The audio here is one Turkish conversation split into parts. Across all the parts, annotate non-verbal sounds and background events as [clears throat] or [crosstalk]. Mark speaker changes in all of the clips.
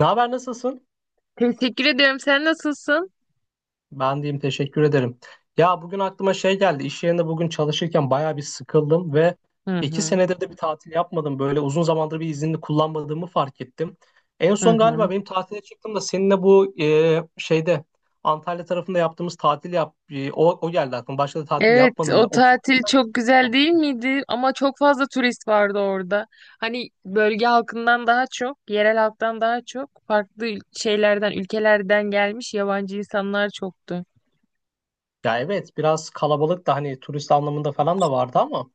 Speaker 1: Ne haber nasılsın?
Speaker 2: Teşekkür ederim. Sen nasılsın?
Speaker 1: Ben diyeyim teşekkür ederim. Ya bugün aklıma şey geldi. İş yerinde bugün çalışırken bayağı bir sıkıldım ve
Speaker 2: Hı
Speaker 1: iki
Speaker 2: hı.
Speaker 1: senedir de bir tatil yapmadım. Böyle uzun zamandır bir iznini kullanmadığımı fark ettim. En
Speaker 2: Hı
Speaker 1: son
Speaker 2: hı.
Speaker 1: galiba benim tatile çıktım da seninle bu şeyde Antalya tarafında yaptığımız tatil o geldi aklıma. Başka da tatil
Speaker 2: Evet,
Speaker 1: yapmadım da.
Speaker 2: o tatil çok
Speaker 1: O,
Speaker 2: güzel değil miydi? Ama çok fazla turist vardı orada. Hani bölge halkından daha çok, yerel halktan daha çok farklı şeylerden, ülkelerden gelmiş yabancı insanlar çoktu.
Speaker 1: Ya evet biraz kalabalık da hani turist anlamında falan da vardı ama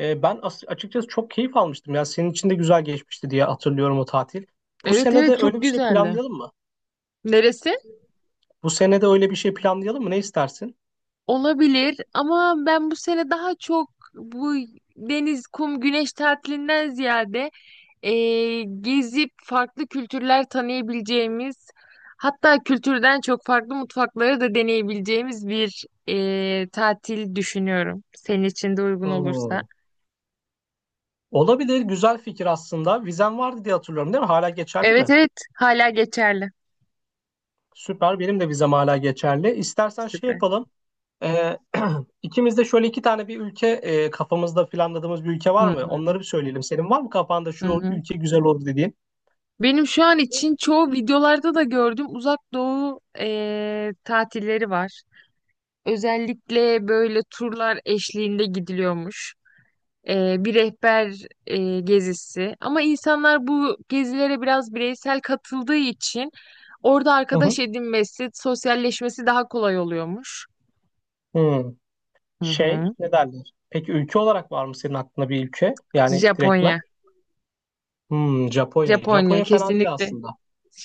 Speaker 1: açıkçası çok keyif almıştım. Ya senin için de güzel geçmişti diye hatırlıyorum o tatil. Bu
Speaker 2: Evet
Speaker 1: sene
Speaker 2: evet
Speaker 1: de
Speaker 2: çok
Speaker 1: öyle bir şey
Speaker 2: güzeldi.
Speaker 1: planlayalım mı?
Speaker 2: Neresi?
Speaker 1: Bu sene de öyle bir şey planlayalım mı? Ne istersin?
Speaker 2: Olabilir ama ben bu sene daha çok bu deniz, kum, güneş tatilinden ziyade gezip farklı kültürler tanıyabileceğimiz hatta kültürden çok farklı mutfakları da deneyebileceğimiz bir tatil düşünüyorum. Senin için de uygun olursa.
Speaker 1: Hmm. Olabilir. Güzel fikir aslında. Vizem vardı diye hatırlıyorum, değil mi? Hala geçerli
Speaker 2: Evet
Speaker 1: mi?
Speaker 2: evet hala geçerli.
Speaker 1: Süper. Benim de vizem hala geçerli. İstersen şey
Speaker 2: Süper.
Speaker 1: yapalım. Ee, [clears throat] ikimiz de şöyle iki tane bir ülke, kafamızda planladığımız bir ülke
Speaker 2: Hı
Speaker 1: var mı?
Speaker 2: hı,
Speaker 1: Onları bir söyleyelim. Senin var mı kafanda
Speaker 2: hı
Speaker 1: şu
Speaker 2: hı.
Speaker 1: ülke güzel olur dediğin?
Speaker 2: Benim şu an için çoğu videolarda da gördüm Uzak Doğu tatilleri var. Özellikle böyle turlar eşliğinde gidiliyormuş. Bir rehber gezisi. Ama insanlar bu gezilere biraz bireysel katıldığı için orada
Speaker 1: Hı hı.
Speaker 2: arkadaş edinmesi, sosyalleşmesi daha kolay oluyormuş.
Speaker 1: Hmm.
Speaker 2: Hı
Speaker 1: Şey
Speaker 2: hı.
Speaker 1: ne derler? Peki ülke olarak var mı senin aklında bir ülke? Yani direktmen.
Speaker 2: Japonya.
Speaker 1: Hmm, Japonya.
Speaker 2: Japonya
Speaker 1: Japonya fena değil
Speaker 2: kesinlikle.
Speaker 1: aslında.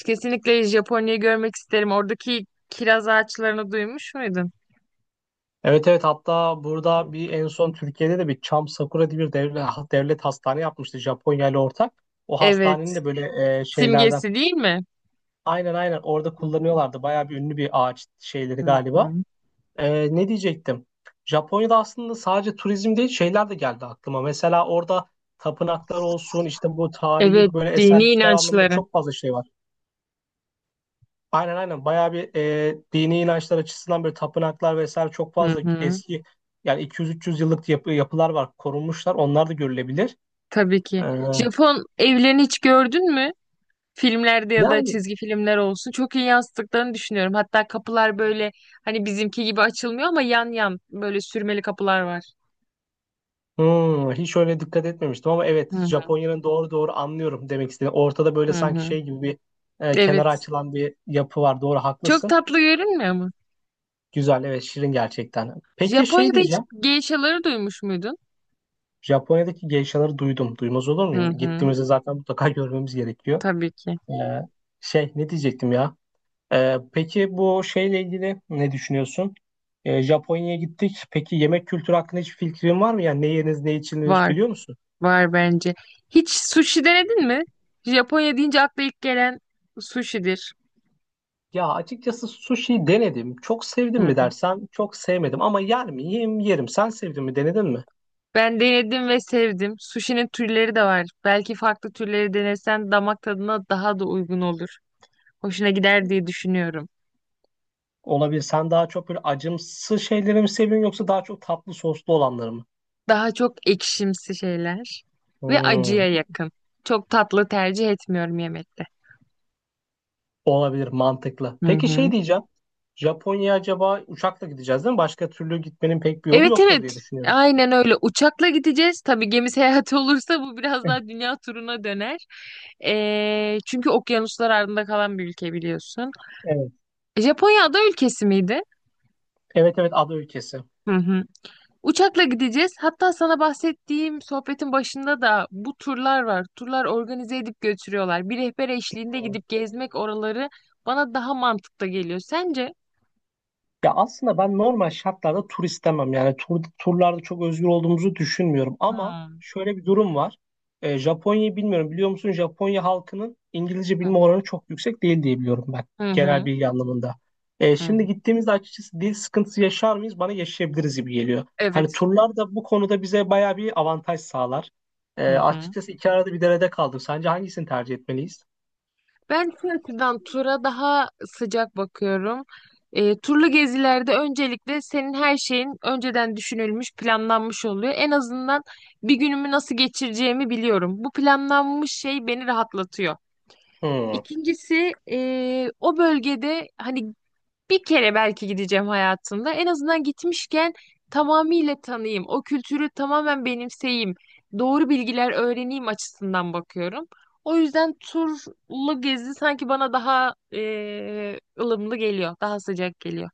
Speaker 2: Kesinlikle Japonya'yı görmek isterim. Oradaki kiraz ağaçlarını duymuş muydun?
Speaker 1: Evet evet, hatta burada bir en son Türkiye'de de bir Çam Sakura diye bir devlet hastane yapmıştı Japonya ile ortak. O hastanenin
Speaker 2: Evet.
Speaker 1: de böyle şeylerden
Speaker 2: Simgesi değil mi?
Speaker 1: aynen aynen orada
Speaker 2: Hı hı.
Speaker 1: kullanıyorlardı. Bayağı bir ünlü bir ağaç şeyleri
Speaker 2: Hı
Speaker 1: galiba.
Speaker 2: hı.
Speaker 1: Ne diyecektim? Japonya'da aslında sadece turizm değil şeyler de geldi aklıma. Mesela orada tapınaklar olsun işte bu
Speaker 2: Evet,
Speaker 1: tarihi böyle
Speaker 2: dini
Speaker 1: eserler anlamında
Speaker 2: inançları.
Speaker 1: çok fazla şey var. Aynen aynen, bayağı bir dini inançlar açısından böyle tapınaklar vesaire çok
Speaker 2: Hı
Speaker 1: fazla
Speaker 2: hı.
Speaker 1: eski, yani 200-300 yıllık yapılar var, korunmuşlar, onlar da görülebilir.
Speaker 2: Tabii ki.
Speaker 1: Ee,
Speaker 2: Japon evlerini hiç gördün mü? Filmlerde ya da
Speaker 1: yani
Speaker 2: çizgi filmler olsun. Çok iyi yansıttıklarını düşünüyorum. Hatta kapılar böyle hani bizimki gibi açılmıyor ama yan yan böyle sürmeli kapılar var.
Speaker 1: hiç öyle dikkat etmemiştim ama
Speaker 2: Hı
Speaker 1: evet,
Speaker 2: hı.
Speaker 1: Japonya'nın, doğru doğru, anlıyorum demek istediğini. Ortada böyle
Speaker 2: hı
Speaker 1: sanki
Speaker 2: hı.
Speaker 1: şey gibi bir kenara
Speaker 2: Evet.
Speaker 1: açılan bir yapı var, doğru
Speaker 2: Çok
Speaker 1: haklısın.
Speaker 2: tatlı görünmüyor mu?
Speaker 1: Güzel, evet şirin gerçekten. Peki şey
Speaker 2: Japonya'da hiç
Speaker 1: diyeceğim,
Speaker 2: geishaları duymuş muydun?
Speaker 1: Japonya'daki geishaları duydum, duymaz olur
Speaker 2: Hı
Speaker 1: muyum?
Speaker 2: hı.
Speaker 1: Gittiğimizde zaten mutlaka [laughs] görmemiz gerekiyor.
Speaker 2: Tabii ki.
Speaker 1: Ee, şey ne diyecektim ya? Peki bu şeyle ilgili ne düşünüyorsun? Japonya'ya gittik. Peki yemek kültürü hakkında hiçbir fikrin var mı? Yani ne yeniriz, ne içilir
Speaker 2: Var.
Speaker 1: biliyor musun?
Speaker 2: Var bence. Hiç sushi denedin mi? Japonya deyince akla ilk gelen sushi'dir.
Speaker 1: Ya açıkçası sushi denedim. Çok sevdim
Speaker 2: Hı
Speaker 1: mi dersen çok sevmedim ama yer miyim yerim. Sen sevdin mi, denedin mi?
Speaker 2: Ben denedim ve sevdim. Sushi'nin türleri de var. Belki farklı türleri denesen damak tadına daha da uygun olur. Hoşuna gider diye düşünüyorum.
Speaker 1: Olabilir. Sen daha çok böyle acımsı şeyleri mi seviyorsun yoksa daha çok tatlı soslu olanları mı?
Speaker 2: Daha çok ekşimsi şeyler ve acıya
Speaker 1: Hmm,
Speaker 2: yakın. Çok tatlı tercih etmiyorum yemekte.
Speaker 1: olabilir, mantıklı.
Speaker 2: Hı
Speaker 1: Peki şey
Speaker 2: hı.
Speaker 1: diyeceğim. Japonya'ya acaba uçakla gideceğiz değil mi? Başka türlü gitmenin pek bir yolu
Speaker 2: Evet
Speaker 1: yoktur diye
Speaker 2: evet.
Speaker 1: düşünüyorum.
Speaker 2: Aynen öyle. Uçakla gideceğiz. Tabii gemi seyahati [laughs] olursa bu biraz daha dünya turuna döner. Çünkü okyanuslar ardında kalan bir ülke biliyorsun.
Speaker 1: Evet.
Speaker 2: Japonya ada ülkesi miydi?
Speaker 1: Evet evet, ada ülkesi.
Speaker 2: Hı hı. Uçakla gideceğiz. Hatta sana bahsettiğim sohbetin başında da bu turlar var. Turlar organize edip götürüyorlar. Bir rehber eşliğinde
Speaker 1: Hmm.
Speaker 2: gidip gezmek oraları bana daha mantıklı geliyor. Sence?
Speaker 1: Ya aslında ben normal şartlarda tur istemem. Yani turlarda çok özgür olduğumuzu düşünmüyorum. Ama
Speaker 2: Hmm.
Speaker 1: şöyle bir durum var. Japonya'yı bilmiyorum. Biliyor musun? Japonya halkının İngilizce
Speaker 2: Hı
Speaker 1: bilme
Speaker 2: hı.
Speaker 1: oranı çok yüksek değil diye biliyorum ben.
Speaker 2: Hı
Speaker 1: Genel
Speaker 2: hı.
Speaker 1: bilgi anlamında. E,
Speaker 2: Hı
Speaker 1: şimdi
Speaker 2: hı.
Speaker 1: gittiğimizde açıkçası dil sıkıntısı yaşar mıyız? Bana yaşayabiliriz gibi geliyor. Hani
Speaker 2: Evet.
Speaker 1: turlar da bu konuda bize bayağı bir avantaj sağlar. E,
Speaker 2: Hı hı.
Speaker 1: açıkçası iki arada bir derede kaldım. Sence hangisini tercih etmeliyiz?
Speaker 2: Ben şu açıdan tura daha sıcak bakıyorum. Turlu gezilerde öncelikle senin her şeyin önceden düşünülmüş, planlanmış oluyor. En azından bir günümü nasıl geçireceğimi biliyorum. Bu planlanmış şey beni rahatlatıyor.
Speaker 1: Hmm.
Speaker 2: İkincisi o bölgede hani bir kere belki gideceğim hayatımda. En azından gitmişken tamamıyla tanıyayım. O kültürü tamamen benimseyeyim. Doğru bilgiler öğreneyim açısından bakıyorum. O yüzden turlu gezi sanki bana daha ılımlı geliyor. Daha sıcak geliyor.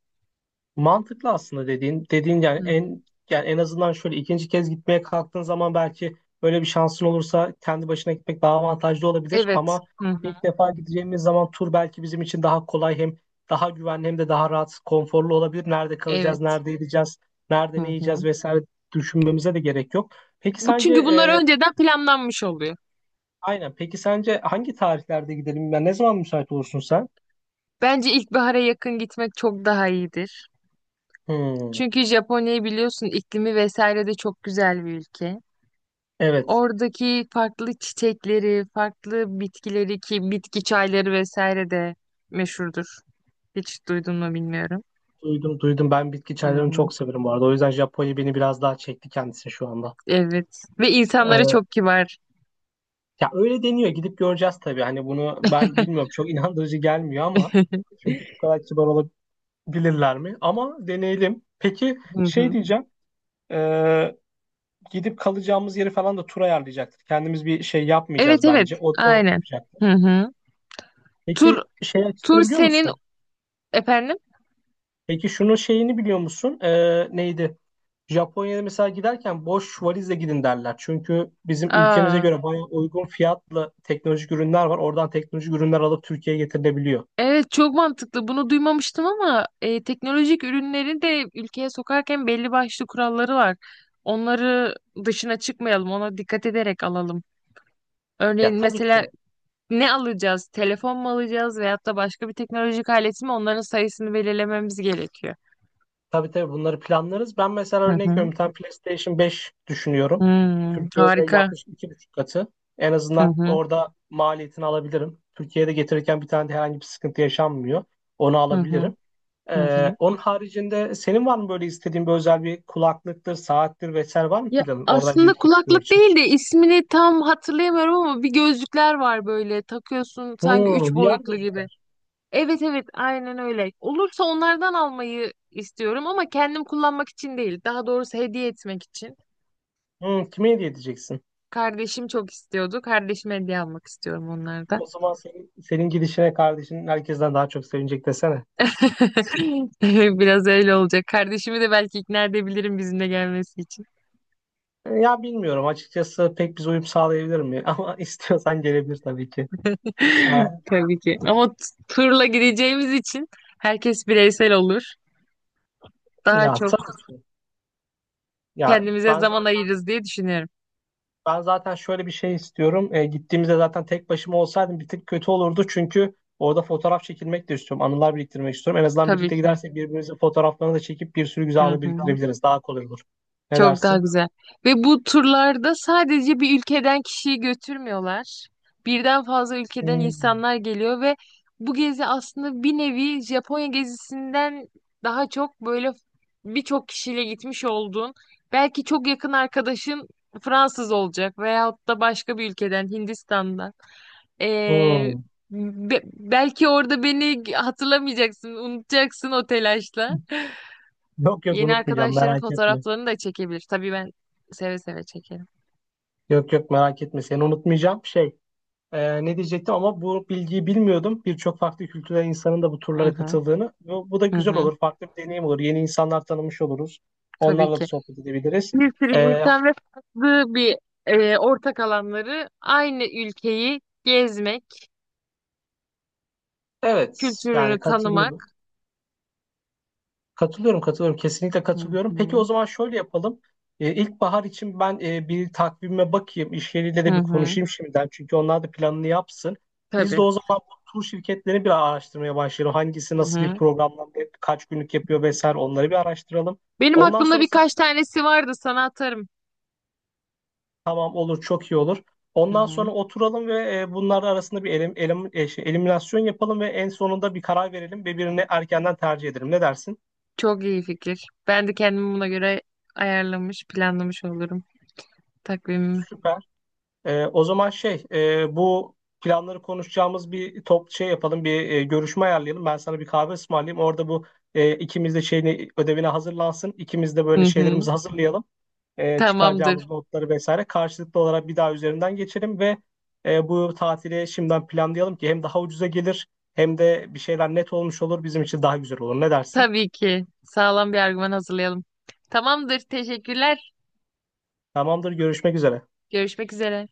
Speaker 1: Mantıklı aslında dediğin dediğin,
Speaker 2: Hı hı.
Speaker 1: yani en azından şöyle ikinci kez gitmeye kalktığın zaman belki böyle bir şansın olursa kendi başına gitmek daha avantajlı olabilir,
Speaker 2: Evet.
Speaker 1: ama
Speaker 2: Hı
Speaker 1: ilk
Speaker 2: hı.
Speaker 1: defa gideceğimiz zaman tur belki bizim için daha kolay, hem daha güvenli hem de daha rahat, konforlu olabilir. Nerede kalacağız,
Speaker 2: Evet.
Speaker 1: nerede yiyeceğiz, nerede ne
Speaker 2: Hı
Speaker 1: yiyeceğiz
Speaker 2: hı.
Speaker 1: vesaire düşünmemize de gerek yok. Peki
Speaker 2: Bu
Speaker 1: sence,
Speaker 2: çünkü bunlar önceden planlanmış oluyor.
Speaker 1: aynen, peki sence hangi tarihlerde gidelim? Yani ne zaman müsait olursun sen?
Speaker 2: Bence ilkbahara yakın gitmek çok daha iyidir.
Speaker 1: Hmm,
Speaker 2: Çünkü Japonya'yı biliyorsun iklimi vesaire de çok güzel bir ülke.
Speaker 1: evet.
Speaker 2: Oradaki farklı çiçekleri, farklı bitkileri ki bitki çayları vesaire de meşhurdur. Hiç duydun mu bilmiyorum.
Speaker 1: Duydum duydum. Ben bitki
Speaker 2: Hı
Speaker 1: çaylarını
Speaker 2: hı.
Speaker 1: çok severim bu arada. O yüzden Japonya beni biraz daha çekti kendisi şu anda.
Speaker 2: Evet. Ve insanları
Speaker 1: Ee,
Speaker 2: çok kibar.
Speaker 1: ya öyle deniyor. Gidip göreceğiz tabii. Hani bunu ben bilmiyorum. Çok [laughs] inandırıcı gelmiyor ama çünkü bu kadar kibar olabilirler mi? Ama deneyelim. Peki
Speaker 2: Hı
Speaker 1: şey
Speaker 2: hı.
Speaker 1: diyeceğim. Ee, gidip kalacağımız yeri falan da tur ayarlayacaktır. Kendimiz bir şey
Speaker 2: Evet
Speaker 1: yapmayacağız
Speaker 2: evet.
Speaker 1: bence. O
Speaker 2: Aynen. Hı
Speaker 1: yapacaktır.
Speaker 2: hı. Tur
Speaker 1: Peki şey
Speaker 2: tur
Speaker 1: açısını biliyor
Speaker 2: senin
Speaker 1: musun?
Speaker 2: efendim.
Speaker 1: Peki şunun şeyini biliyor musun? Neydi? Japonya'ya mesela giderken boş valizle gidin derler. Çünkü bizim ülkemize
Speaker 2: Aa.
Speaker 1: göre bayağı uygun fiyatlı teknolojik ürünler var. Oradan teknolojik ürünler alıp Türkiye'ye getirilebiliyor.
Speaker 2: Evet çok mantıklı. Bunu duymamıştım ama teknolojik ürünleri de ülkeye sokarken belli başlı kuralları var. Onları dışına çıkmayalım, ona dikkat ederek alalım. Örneğin
Speaker 1: Ya tabii
Speaker 2: mesela
Speaker 1: ki,
Speaker 2: ne alacağız? Telefon mu alacağız veyahut da başka bir teknolojik alet mi? Onların sayısını belirlememiz gerekiyor.
Speaker 1: tabii tabii, bunları planlarız. Ben mesela
Speaker 2: Hı
Speaker 1: örnek
Speaker 2: hı.
Speaker 1: veriyorum, bir tane PlayStation 5 düşünüyorum.
Speaker 2: Hmm,
Speaker 1: Türkiye'de
Speaker 2: harika.
Speaker 1: yaklaşık iki buçuk katı. En
Speaker 2: Hı
Speaker 1: azından
Speaker 2: hı.
Speaker 1: orada maliyetini alabilirim. Türkiye'de getirirken bir tane de herhangi bir sıkıntı yaşanmıyor. Onu
Speaker 2: Hı hı.
Speaker 1: alabilirim.
Speaker 2: Hı hı.
Speaker 1: Onun haricinde senin var mı böyle istediğin bir özel bir kulaklıktır, saattir vesaire, var mı
Speaker 2: Ya
Speaker 1: planın oradan
Speaker 2: aslında
Speaker 1: gelirken getirmek
Speaker 2: kulaklık
Speaker 1: için?
Speaker 2: değil de ismini tam hatırlayamıyorum ama bir gözlükler var böyle takıyorsun sanki üç
Speaker 1: Hmm, VR
Speaker 2: boyutlu gibi.
Speaker 1: gözlükler.
Speaker 2: Evet evet aynen öyle. Olursa onlardan almayı istiyorum ama kendim kullanmak için değil. Daha doğrusu hediye etmek için.
Speaker 1: Hmm, kime hediye edeceksin?
Speaker 2: Kardeşim çok istiyordu. Kardeşime hediye almak istiyorum onlardan.
Speaker 1: O zaman senin gidişine kardeşin herkesten daha çok sevinecek desene.
Speaker 2: [laughs] Biraz öyle olacak. Kardeşimi de belki ikna edebilirim bizimle gelmesi için.
Speaker 1: Ya bilmiyorum açıkçası pek biz uyum sağlayabilir mi? [laughs] Ama istiyorsan gelebilir tabii ki. E,
Speaker 2: [laughs] Tabii ki. Ama turla gideceğimiz için herkes bireysel olur. Daha
Speaker 1: ya
Speaker 2: çok
Speaker 1: tabii ki. Ya
Speaker 2: kendimize
Speaker 1: ben
Speaker 2: zaman
Speaker 1: zaten,
Speaker 2: ayırırız diye düşünüyorum.
Speaker 1: ben zaten şöyle bir şey istiyorum. Gittiğimizde zaten tek başıma olsaydım bir tık kötü olurdu. Çünkü orada fotoğraf çekilmek de istiyorum. Anılar biriktirmek istiyorum. En azından
Speaker 2: Tabii
Speaker 1: birlikte
Speaker 2: ki.
Speaker 1: gidersek birbirimizin fotoğraflarını da çekip bir sürü güzel
Speaker 2: Hı
Speaker 1: anı
Speaker 2: hı.
Speaker 1: biriktirebiliriz. Daha kolay olur. Ne
Speaker 2: Çok daha
Speaker 1: dersin?
Speaker 2: güzel. Ve bu turlarda sadece bir ülkeden kişiyi götürmüyorlar. Birden fazla ülkeden
Speaker 1: Hmm.
Speaker 2: insanlar geliyor ve bu gezi aslında bir nevi Japonya gezisinden daha çok böyle birçok kişiyle gitmiş olduğun, belki çok yakın arkadaşın Fransız olacak veyahut da başka bir ülkeden, Hindistan'dan. Ee,
Speaker 1: Hmm.
Speaker 2: belki orada beni hatırlamayacaksın, unutacaksın o telaşla.
Speaker 1: Yok yok,
Speaker 2: Yeni
Speaker 1: unutmayacağım,
Speaker 2: arkadaşların
Speaker 1: merak etme.
Speaker 2: fotoğraflarını da çekebilir. Tabii ben seve seve çekerim.
Speaker 1: Yok yok, merak etme, seni unutmayacağım. Şey, ne diyecektim, ama bu bilgiyi bilmiyordum. Birçok farklı kültürden insanın da bu
Speaker 2: Hı
Speaker 1: turlara
Speaker 2: hı,
Speaker 1: katıldığını. Bu da
Speaker 2: hı
Speaker 1: güzel
Speaker 2: hı.
Speaker 1: olur. Farklı bir deneyim olur. Yeni insanlar tanımış oluruz.
Speaker 2: Tabii
Speaker 1: Onlarla da
Speaker 2: ki.
Speaker 1: sohbet edebiliriz.
Speaker 2: Bir sürü
Speaker 1: E,
Speaker 2: insan ve farklı bir ortak alanları aynı ülkeyi gezmek,
Speaker 1: evet
Speaker 2: kültürünü
Speaker 1: yani katılıyorum.
Speaker 2: tanımak.
Speaker 1: Katılıyorum, katılıyorum. Kesinlikle
Speaker 2: Hı
Speaker 1: katılıyorum. Peki o
Speaker 2: hı,
Speaker 1: zaman şöyle yapalım. İlkbahar için ben bir takvime bakayım. İş yeriyle
Speaker 2: hı
Speaker 1: de bir
Speaker 2: hı.
Speaker 1: konuşayım şimdiden. Çünkü onlar da planını yapsın. Biz
Speaker 2: Tabii.
Speaker 1: de o zaman bu tur şirketlerini bir araştırmaya başlayalım. Hangisi
Speaker 2: Hı
Speaker 1: nasıl bir
Speaker 2: hı.
Speaker 1: programla kaç günlük yapıyor vesaire onları bir araştıralım.
Speaker 2: Benim
Speaker 1: Ondan
Speaker 2: aklımda
Speaker 1: sonra
Speaker 2: birkaç
Speaker 1: sen,
Speaker 2: tanesi vardı sana atarım.
Speaker 1: tamam olur, çok iyi olur.
Speaker 2: Hı
Speaker 1: Ondan
Speaker 2: hı.
Speaker 1: sonra oturalım ve bunlar arasında bir eliminasyon yapalım ve en sonunda bir karar verelim ve birini erkenden tercih edelim. Ne dersin?
Speaker 2: Çok iyi fikir. Ben de kendimi buna göre ayarlamış, planlamış olurum takvimimi.
Speaker 1: Süper. O zaman şey, bu planları konuşacağımız bir top şey yapalım, bir görüşme ayarlayalım. Ben sana bir kahve ısmarlayayım. Orada bu ikimiz de şeyini ödevine hazırlansın. İkimiz de böyle
Speaker 2: Hı hı.
Speaker 1: şeylerimizi hazırlayalım. Çıkaracağımız
Speaker 2: Tamamdır.
Speaker 1: notları vesaire karşılıklı olarak bir daha üzerinden geçelim ve bu tatili şimdiden planlayalım ki hem daha ucuza gelir hem de bir şeyler net olmuş olur bizim için daha güzel olur. Ne dersin?
Speaker 2: Tabii ki. Sağlam bir argüman hazırlayalım. Tamamdır. Teşekkürler.
Speaker 1: Tamamdır, görüşmek üzere.
Speaker 2: Görüşmek üzere.